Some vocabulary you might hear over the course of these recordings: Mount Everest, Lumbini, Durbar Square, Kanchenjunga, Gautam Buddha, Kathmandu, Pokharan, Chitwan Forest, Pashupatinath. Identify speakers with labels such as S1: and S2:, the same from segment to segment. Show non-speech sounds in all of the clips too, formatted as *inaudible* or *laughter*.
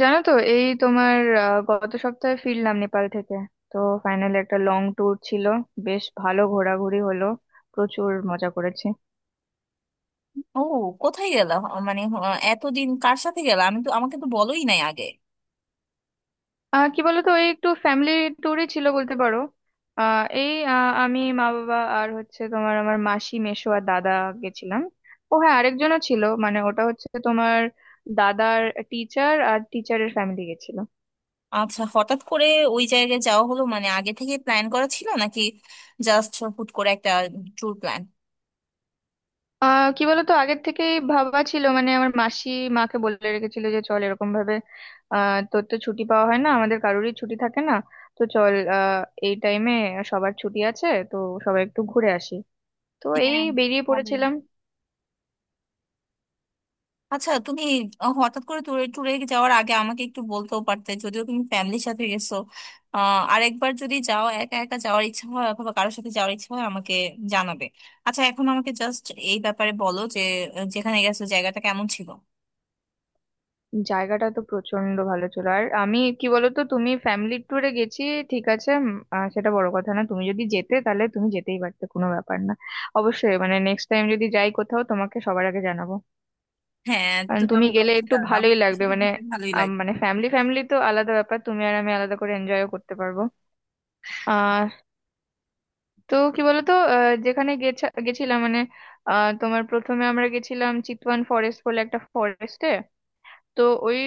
S1: জানো তো এই তোমার গত সপ্তাহে ফিরলাম নেপাল থেকে। তো ফাইনালি একটা লং ট্যুর ছিল, বেশ ভালো ঘোরাঘুরি হলো, প্রচুর মজা করেছি।
S2: ও, কোথায় গেলা? এতদিন কার সাথে গেলা? আমি তো, আমাকে তো বলোই নাই আগে।
S1: কি বলতো, এই একটু ফ্যামিলি ট্যুরই ছিল বলতে পারো। আমি, মা, বাবা আর হচ্ছে তোমার আমার মাসি, মেসো আর দাদা গেছিলাম। ও হ্যাঁ, আরেকজনও ছিল, মানে ওটা হচ্ছে তোমার দাদার টিচার আর টিচারের ফ্যামিলি গেছিল।
S2: আচ্ছা, হঠাৎ করে ওই জায়গায় যাওয়া হলো, মানে আগে থেকে প্ল্যান করা ছিল, নাকি জাস্ট হুট করে একটা ট্যুর প্ল্যান?
S1: কি বলতো, আগের থেকেই ভাবা ছিল, মানে আমার মাসি মাকে বলে রেখেছিল যে চল এরকম ভাবে, তোর তো ছুটি পাওয়া হয় না, আমাদের কারোরই ছুটি থাকে না, তো চল এই টাইমে সবার ছুটি আছে তো, সবাই একটু ঘুরে আসি। তো এই
S2: হ্যাঁ,
S1: বেরিয়ে
S2: ভালোই।
S1: পড়েছিলাম।
S2: আচ্ছা তুমি হঠাৎ করে ট্যুরে ট্যুরে যাওয়ার আগে আমাকে একটু বলতেও পারতে, যদিও তুমি ফ্যামিলির সাথে গেছো। আরেকবার যদি যাও, একা একা যাওয়ার ইচ্ছা হয় অথবা কারোর সাথে যাওয়ার ইচ্ছা হয়, আমাকে জানাবে। আচ্ছা এখন আমাকে জাস্ট এই ব্যাপারে বলো যে যেখানে গেছো জায়গাটা কেমন ছিল।
S1: জায়গাটা তো প্রচন্ড ভালো ছিল। আর আমি কি বলতো, তুমি ফ্যামিলি ট্যুরে গেছি ঠিক আছে, সেটা বড় কথা না, তুমি যদি যেতে তাহলে তুমি যেতেই পারতে, কোনো ব্যাপার না। অবশ্যই মানে নেক্সট টাইম যদি যাই কোথাও তোমাকে সবার আগে জানাবো।
S2: হ্যাঁ
S1: কারণ
S2: তুমি
S1: তুমি
S2: আমাকে
S1: গেলে
S2: অবশ্যই
S1: একটু
S2: জানাবে, আমার
S1: ভালোই লাগবে,
S2: আসলে
S1: মানে
S2: ঘুরতে ভালোই লাগে।
S1: মানে ফ্যামিলি ফ্যামিলি তো আলাদা ব্যাপার, তুমি আর আমি আলাদা করে এনজয়ও করতে পারবো। আহ তো কি বলতো, যেখানে গেছিলাম মানে, তোমার প্রথমে আমরা গেছিলাম চিতওয়ান ফরেস্ট বলে একটা ফরেস্টে। তো ওই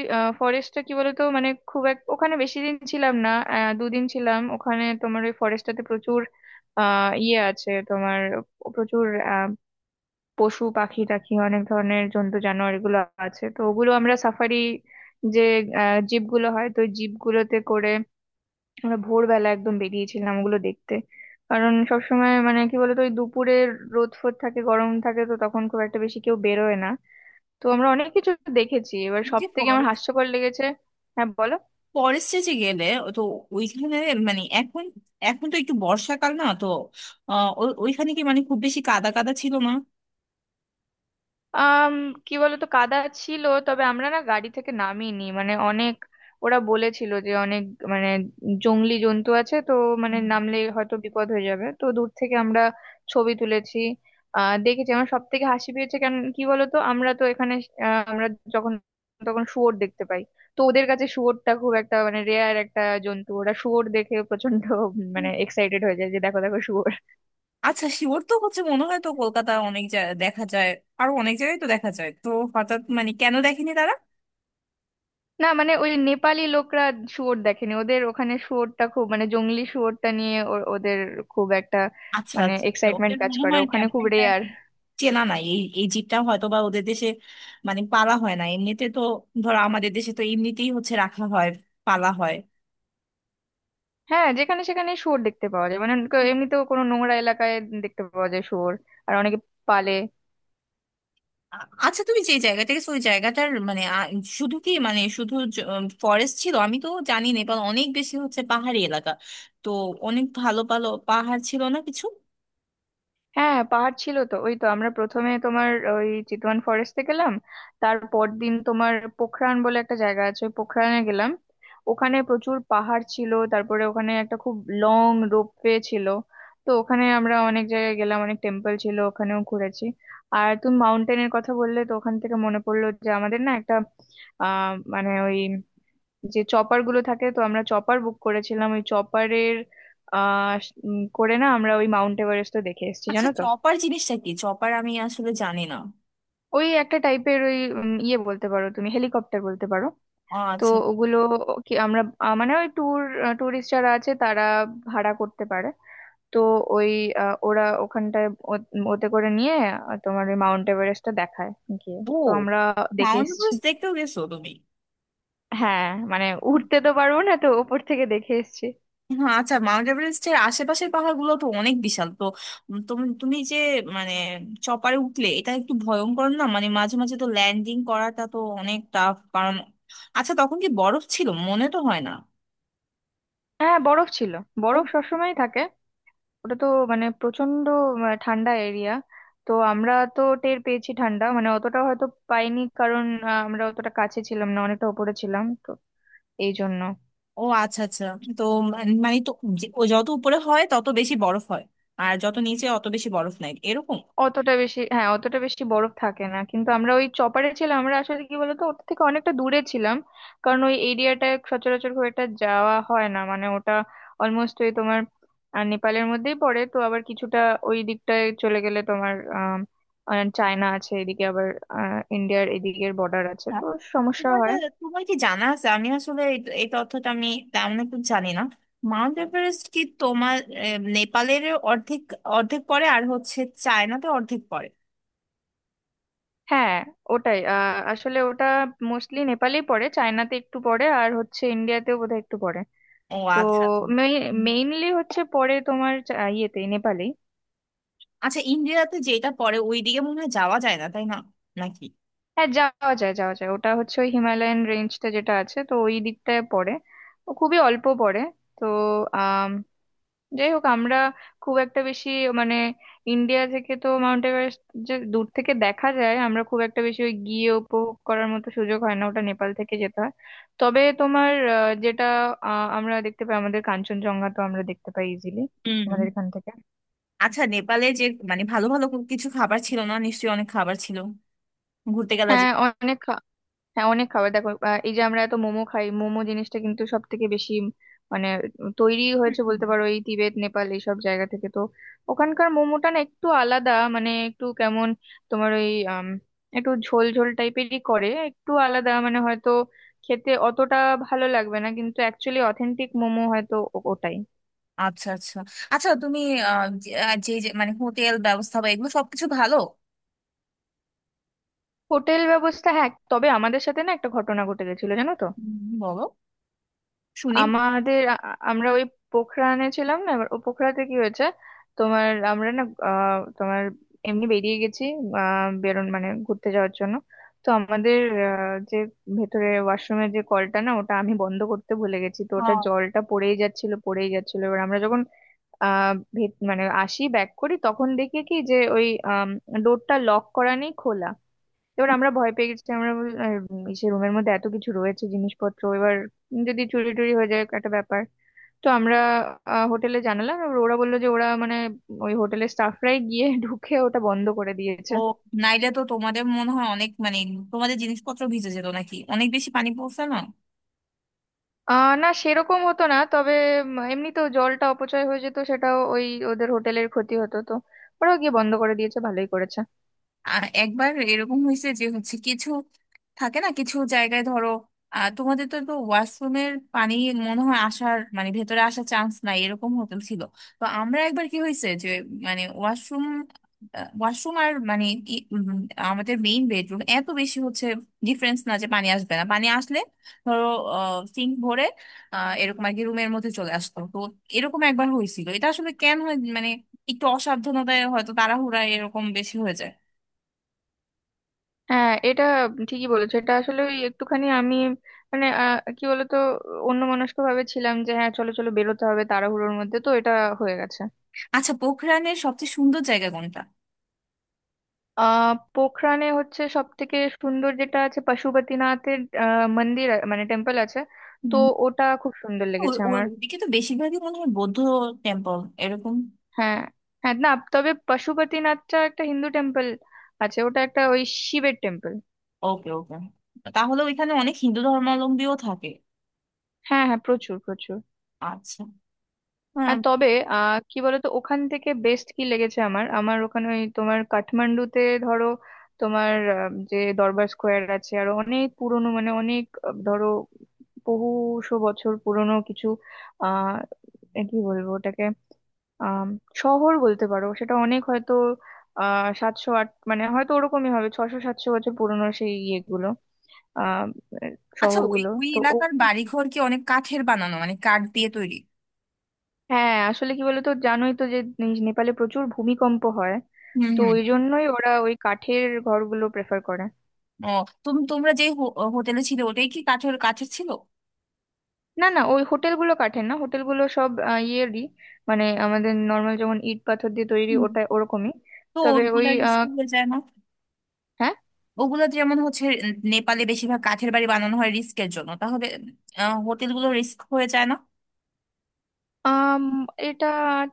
S1: ফরেস্টটা কি বলতো, মানে খুব এক ওখানে বেশি দিন ছিলাম না, দুদিন ছিলাম ওখানে। তোমার ওই ফরেস্টটাতে প্রচুর ইয়ে আছে তোমার, প্রচুর পশু পাখি টাখি, অনেক ধরনের জন্তু জানোয়ার এগুলো আছে তো। ওগুলো আমরা সাফারি যে জিপগুলো হয় তো জিপগুলোতে করে আমরা ভোরবেলা একদম বেরিয়েছিলাম ওগুলো দেখতে। কারণ সবসময় মানে কি বলতো ওই দুপুরে রোদ ফোদ থাকে, গরম থাকে, তো তখন খুব একটা বেশি কেউ বেরোয় না। তো আমরা অনেক কিছু দেখেছি। এবার সব
S2: যে
S1: থেকে আমার হাস্যকর লেগেছে হ্যাঁ, বলো।
S2: ফরেস্টে যে গেলে, ও তো ওইখানে, মানে এখন, এখন তো একটু বর্ষাকাল, না তো? ওইখানে কি মানে খুব বেশি কাদা কাদা ছিল না?
S1: আম কি বলতো, কাদা ছিল তবে আমরা না গাড়ি থেকে নামিনি, মানে অনেক ওরা বলেছিল যে অনেক মানে জংলি জন্তু আছে তো, মানে
S2: হুম।
S1: নামলে হয়তো বিপদ হয়ে যাবে, তো দূর থেকে আমরা ছবি তুলেছি। দেখেছি। আমার সব থেকে হাসি পেয়েছে কেন কি বলতো, আমরা তো এখানে আমরা যখন তখন শুয়োর দেখতে পাই। তো ওদের কাছে শুয়োরটা খুব একটা মানে রেয়ার একটা জন্তু, ওরা শুয়োর দেখে প্রচন্ড মানে এক্সাইটেড হয়ে যায় যে দেখো দেখো শুয়োর।
S2: আচ্ছা, শিওর তো হচ্ছে মনে হয় তো, কলকাতা অনেক জায়গায় দেখা যায়, আরো অনেক জায়গায় তো দেখা যায় তো। হঠাৎ মানে কেন দেখেনি তারা?
S1: না মানে ওই নেপালি লোকরা শুয়োর দেখেনি, ওদের ওখানে শুয়োরটা খুব মানে জঙ্গলি শুয়োরটা নিয়ে ওদের খুব একটা
S2: আচ্ছা
S1: মানে
S2: আচ্ছা আচ্ছা।
S1: এক্সাইটমেন্ট
S2: ওদের
S1: কাজ
S2: মনে
S1: করে,
S2: হয়
S1: ওখানে
S2: তেমন
S1: খুব
S2: একটা আর
S1: রেয়ার।
S2: কি চেনা নাই এই এই জীবটা, হয়তো বা ওদের দেশে মানে পালা হয় না এমনিতে তো। ধরো, আমাদের দেশে তো এমনিতেই হচ্ছে রাখা হয়, পালা হয়।
S1: হ্যাঁ, যেখানে সেখানে শুয়োর দেখতে পাওয়া যায়, মানে এমনিতেও কোনো নোংরা এলাকায় দেখতে পাওয়া যায় শুয়োর আর অনেকে পালে।
S2: আ- আচ্ছা তুমি যে জায়গা থেকে ওই জায়গাটার মানে শুধু কি মানে শুধু ফরেস্ট ছিল? আমি তো জানি না, নেপাল অনেক বেশি হচ্ছে পাহাড়ি এলাকা, তো অনেক ভালো ভালো পাহাড় ছিল না কিছু?
S1: হ্যাঁ, পাহাড় ছিল তো। ওই তো আমরা প্রথমে তোমার ওই চিতওয়ান ফরেস্টে গেলাম, তারপর দিন তোমার পোখরান বলে একটা জায়গা আছে ওই পোখরানে গেলাম। ওখানে প্রচুর পাহাড় ছিল, তারপরে ওখানে একটা খুব লং রোপওয়ে ছিল, তো ওখানে আমরা অনেক জায়গায় গেলাম, অনেক টেম্পল ছিল ওখানেও ঘুরেছি। আর তুমি মাউন্টেনের কথা বললে তো ওখান থেকে মনে পড়লো যে আমাদের না একটা মানে ওই যে চপার গুলো থাকে তো আমরা চপার বুক করেছিলাম, ওই চপারের আহ করে না আমরা ওই মাউন্ট এভারেস্ট তো দেখে এসেছি
S2: আচ্ছা
S1: জানো তো।
S2: চপার জিনিসটা কি? চপার আমি আসলে জানি না।
S1: ওই একটা টাইপের ওই ইয়ে বলতে পারো, তুমি হেলিকপ্টার বলতে পারো।
S2: ও
S1: তো
S2: আচ্ছা।
S1: ওগুলো কি আমরা মানে ওই ট্যুরিস্ট যারা আছে তারা ভাড়া করতে পারে। তো ওই ওরা ওখানটায় ওতে করে নিয়ে তোমার ওই মাউন্ট এভারেস্টটা দেখায়, গিয়ে
S2: ও,
S1: তো আমরা দেখে
S2: মাউন্ট
S1: এসেছি।
S2: এভারেস্ট দেখতেও গেছো তুমি?
S1: হ্যাঁ, মানে উঠতে তো পারবো না, তো ওপর থেকে দেখে এসেছি।
S2: হ্যাঁ, আচ্ছা মাউন্ট এভারেস্টের আশেপাশের পাহাড়গুলো তো অনেক বিশাল তো। উম, তুমি তুমি যে মানে চপারে উঠলে এটা একটু ভয়ঙ্কর না? মানে মাঝে মাঝে তো ল্যান্ডিং করাটা তো অনেক টাফ, কারণ আচ্ছা তখন কি বরফ ছিল? মনে তো হয় না।
S1: হ্যাঁ, বরফ ছিল,
S2: ও।
S1: বরফ সবসময় থাকে। ওটা তো মানে প্রচন্ড ঠান্ডা এরিয়া। তো আমরা তো টের পেয়েছি ঠান্ডা, মানে অতটা হয়তো পাইনি কারণ আমরা অতটা কাছে ছিলাম না, অনেকটা উপরে ছিলাম তো, এই জন্য।
S2: ও আচ্ছা আচ্ছা। তো মানে তো ও যত উপরে হয় তত বেশি বরফ হয়, আর যত নিচে অত বেশি বরফ নাই, এরকম?
S1: অতটা বেশি, হ্যাঁ, অতটা বেশি বরফ থাকে না। কিন্তু আমরা ওই চপারে ছিলাম, আমরা আসলে কি বলতো ওটা থেকে অনেকটা দূরে ছিলাম, কারণ ওই এরিয়াটা সচরাচর খুব একটা যাওয়া হয় না, মানে ওটা অলমোস্ট ওই তোমার নেপালের মধ্যেই পড়ে। তো আবার কিছুটা ওই দিকটায় চলে গেলে তোমার চায়না আছে, এদিকে আবার ইন্ডিয়ার এদিকের বর্ডার আছে
S2: না,
S1: তো সমস্যা
S2: তোমার
S1: হয়।
S2: তোমার কি জানা আছে? আমি আসলে এই এই তথ্যটা আমি তেমন একটু জানি না। মাউন্ট এভারেস্ট কি তোমার নেপালের অর্ধেক, অর্ধেক পড়ে আর হচ্ছে চায়নাতে অর্ধেক পড়ে?
S1: হ্যাঁ, ওটাই আসলে ওটা মোস্টলি নেপালেই পড়ে, চায়নাতে একটু পড়ে আর হচ্ছে ইন্ডিয়াতেও বোধহয় একটু পড়ে।
S2: ও
S1: তো
S2: আচ্ছা আচ্ছা। হুম।
S1: মেইনলি হচ্ছে পরে তোমার ইয়েতে, নেপালে।
S2: আচ্ছা ইন্ডিয়াতে যেটা পড়ে ওইদিকে মনে হয় যাওয়া যায় না, তাই না? নাকি?
S1: হ্যাঁ, যাওয়া যায়, যাওয়া যায়, ওটা হচ্ছে ওই হিমালয়ান রেঞ্জটা যেটা আছে তো ওই দিকটায় পড়ে। ও খুবই অল্প পড়ে। তো আম, যাই হোক, আমরা খুব একটা বেশি মানে ইন্ডিয়া থেকে তো মাউন্ট এভারেস্ট যে দূর থেকে দেখা যায়, আমরা খুব একটা বেশি ওই গিয়ে উপভোগ করার মতো সুযোগ হয় না, ওটা নেপাল থেকে যেতে হয়। তবে তোমার যেটা আমরা দেখতে পাই আমাদের কাঞ্চনজঙ্ঘা, তো আমরা দেখতে পাই ইজিলি
S2: হুম।
S1: আমাদের এখান থেকে।
S2: আচ্ছা নেপালে যে মানে ভালো ভালো কিছু খাবার ছিল না নিশ্চয়ই? অনেক খাবার ছিল ঘুরতে গেলা যে।
S1: হ্যাঁ, অনেক। হ্যাঁ, অনেক খাবার। দেখো এই যে আমরা এত মোমো খাই, মোমো জিনিসটা কিন্তু সব থেকে বেশি মানে তৈরি
S2: হুম,
S1: হয়েছে
S2: হুম।
S1: বলতে পারো এই তিবেত নেপাল এইসব জায়গা থেকে। তো ওখানকার মোমোটা না একটু আলাদা, মানে একটু কেমন তোমার ওই আম, একটু ঝোল ঝোল টাইপেরই করে, একটু আলাদা। মানে হয়তো খেতে অতটা ভালো লাগবে না, কিন্তু অ্যাকচুয়ালি অথেন্টিক মোমো হয়তো ওটাই।
S2: আচ্ছা আচ্ছা। আচ্ছা তুমি আহ, যে যে- মানে হোটেল ব্যবস্থা বা এগুলো সবকিছু ভালো?
S1: হোটেল ব্যবস্থা হ্যাঁ, তবে আমাদের সাথে না একটা ঘটনা ঘটে গেছিল, জানো তো।
S2: হুম, বলো, শুনি।
S1: আমাদের আমরা ওই পোখরানে ছিলাম না এবার, ও পোখরাতে কি হয়েছে তোমার, আমরা না তোমার এমনি বেরিয়ে গেছি, বেরোন মানে ঘুরতে যাওয়ার জন্য। তো আমাদের যে ভেতরে ওয়াশরুমের যে কলটা না, ওটা আমি বন্ধ করতে ভুলে গেছি, তো ওটা
S2: আহ,
S1: জলটা পড়েই যাচ্ছিল, পড়েই যাচ্ছিল। এবার আমরা যখন মানে আসি, ব্যাক করি, তখন দেখি কি যে ওই ডোরটা লক করা নেই, খোলা। এবার আমরা ভয় পেয়ে গেছি। আমরা আর ইসে রুমের মধ্যে এত কিছু রয়েছে জিনিসপত্র, এবার যদি চুরি টুরি হয়ে যায় একটা ব্যাপার। তো আমরা হোটেলে জানালাম, এবার ওরা বললো যে ওরা, মানে ওই হোটেলের স্টাফরাই গিয়ে *laughs* ঢুকে ওটা বন্ধ করে দিয়েছে।
S2: ও, নাইলে তো তোমাদের মনে হয় অনেক মানে তোমাদের জিনিসপত্র ভিজে যেত নাকি? অনেক বেশি পানি পড়ছে না?
S1: না, সেরকম হতো না, তবে এমনি তো জলটা অপচয় হয়ে যেত, সেটাও ওই ওদের হোটেলের ক্ষতি হতো তো, ওরাও গিয়ে বন্ধ করে দিয়েছে, ভালোই করেছে।
S2: একবার এরকম হয়েছে যে হচ্ছে কিছু থাকে না কিছু জায়গায়। ধরো, তোমাদের তো, তো ওয়াশরুমের পানি মনে হয় আসার মানে ভেতরে আসার চান্স নাই এরকম হোটেল ছিল। তো আমরা একবার কি হয়েছে যে মানে ওয়াশরুম, ওয়াশরুম আর মানে ই- উম, আমাদের মেইন বেডরুম এত বেশি হচ্ছে ডিফারেন্স না যে পানি আসবে না, পানি আসলে ধরো সিঙ্ক ভরে এরকম আর কি রুমের মধ্যে চলে আসতো তো। এরকম একবার হয়েছিল। এটা আসলে কেন হয় মানে একটু অসাবধানতায় হয়তো, তাড়াহুড়া এরকম বেশি হয়ে যায়।
S1: হ্যাঁ, এটা ঠিকই বলেছো। এটা আসলে ওই একটুখানি আমি মানে কি বলতো অন্যমনস্ক ভাবে ছিলাম যে হ্যাঁ চলো চলো বেরোতে হবে, তাড়াহুড়োর মধ্যে তো এটা হয়ে গেছে।
S2: আচ্ছা পোখরানের সবচেয়ে সুন্দর জায়গা কোনটা?
S1: পোখরানে হচ্ছে সব থেকে সুন্দর যেটা আছে পশুপতিনাথের মন্দির মানে টেম্পল আছে। তো
S2: উম,
S1: ওটা খুব সুন্দর লেগেছে আমার।
S2: ওদিকে তো বেশিরভাগই মনে হয় বৌদ্ধ টেম্পল এরকম?
S1: হ্যাঁ, হ্যাঁ, না, তবে পশুপতিনাথটা একটা হিন্দু টেম্পল আছে, ওটা একটা ওই শিবের টেম্পল।
S2: ওকে ওকে। তাহলে ওইখানে অনেক হিন্দু ধর্মাবলম্বীও থাকে?
S1: হ্যাঁ, হ্যাঁ, প্রচুর, প্রচুর।
S2: আচ্ছা।
S1: আর
S2: হ্যাঁ।
S1: তবে কি বলতো ওখান থেকে বেস্ট কি লেগেছে আমার, আমার ওখানে ওই তোমার কাঠমান্ডুতে ধরো তোমার যে দরবার স্কোয়ার আছে আর অনেক পুরনো মানে অনেক ধরো বহুশো বছর পুরনো কিছু আহ এ কি বলবো ওটাকে, আহ শহর বলতে পারো, সেটা অনেক হয়তো 708 মানে হয়তো ওরকমই হবে, 600-700 বছর পুরনো সেই ইয়েগুলো, আহ
S2: আচ্ছা ওই,
S1: শহরগুলো।
S2: ওই
S1: তো
S2: এলাকার বাড়িঘর কি অনেক কাঠের বানানো মানে কাঠ দিয়ে তৈরি?
S1: হ্যাঁ, আসলে কি বলতো জানোই তো যে নেপালে প্রচুর ভূমিকম্প হয়,
S2: হুম
S1: তো
S2: হুম।
S1: ওই জন্যই ওরা ওই কাঠের ঘরগুলো প্রেফার করে।
S2: ও তুমি, তোমরা যে হোটেলে ছিল ওটাই কি কাঠের কাঠের ছিল?
S1: না, না, ওই হোটেলগুলো কাঠের না, হোটেলগুলো সব ইয়েরই, মানে আমাদের নর্মাল যেমন ইট পাথর দিয়ে তৈরি,
S2: উম,
S1: ওটা ওরকমই।
S2: তো
S1: তবে ওই
S2: ওইগুলা রিস্ক হয়ে যায় না?
S1: হ্যাঁ।
S2: ওগুলা যেমন হচ্ছে নেপালে বেশিরভাগ কাঠের বাড়ি বানানো হয় রিস্কের জন্য, তাহলে হোটেলগুলো রিস্ক হয়ে যায়
S1: আম, এটা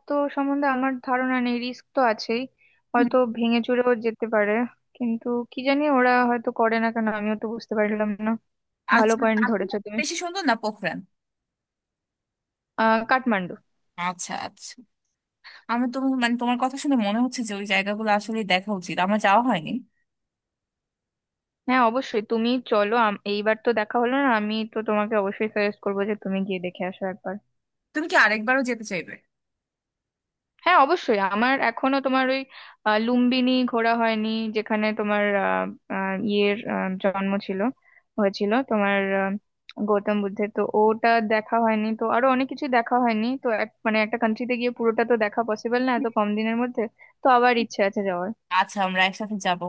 S1: তো সম্বন্ধে আমার ধারণা নেই, রিস্ক তো আছেই,
S2: না?
S1: হয়তো ভেঙে চুরেও যেতে পারে, কিন্তু কি জানি, ওরা হয়তো করে না কেন, আমিও তো বুঝতে পারলাম না। ভালো
S2: আচ্ছা
S1: পয়েন্ট
S2: কাঠুয়া
S1: ধরেছো তুমি।
S2: বেশি সুন্দর না পোখরান?
S1: কাঠমান্ডু।
S2: আচ্ছা আচ্ছা, আমি তো মানে তোমার কথা শুনে মনে হচ্ছে যে ওই জায়গাগুলো আসলে দেখা উচিত, আমার যাওয়া হয়নি।
S1: হ্যাঁ, অবশ্যই, তুমি চলো। এইবার তো দেখা হলো না, আমি তো তোমাকে অবশ্যই সাজেস্ট করবো যে তুমি গিয়ে দেখে আসো একবার।
S2: তুমি কি আরেকবারও যেতে চাইবে?
S1: হ্যাঁ, অবশ্যই, আমার এখনো তোমার ওই লুম্বিনী ঘোরা হয়নি, যেখানে তোমার আহ, আহ, ইয়ের জন্ম ছিল, হয়েছিল তোমার গৌতম বুদ্ধের। তো ওটা দেখা হয়নি, তো আরো অনেক কিছু দেখা হয়নি, তো মানে একটা কান্ট্রিতে গিয়ে পুরোটা তো দেখা পসিবল না এত কম দিনের মধ্যে। তো আবার ইচ্ছে আছে যাওয়ার।
S2: আচ্ছা আমরা একসাথে যাব।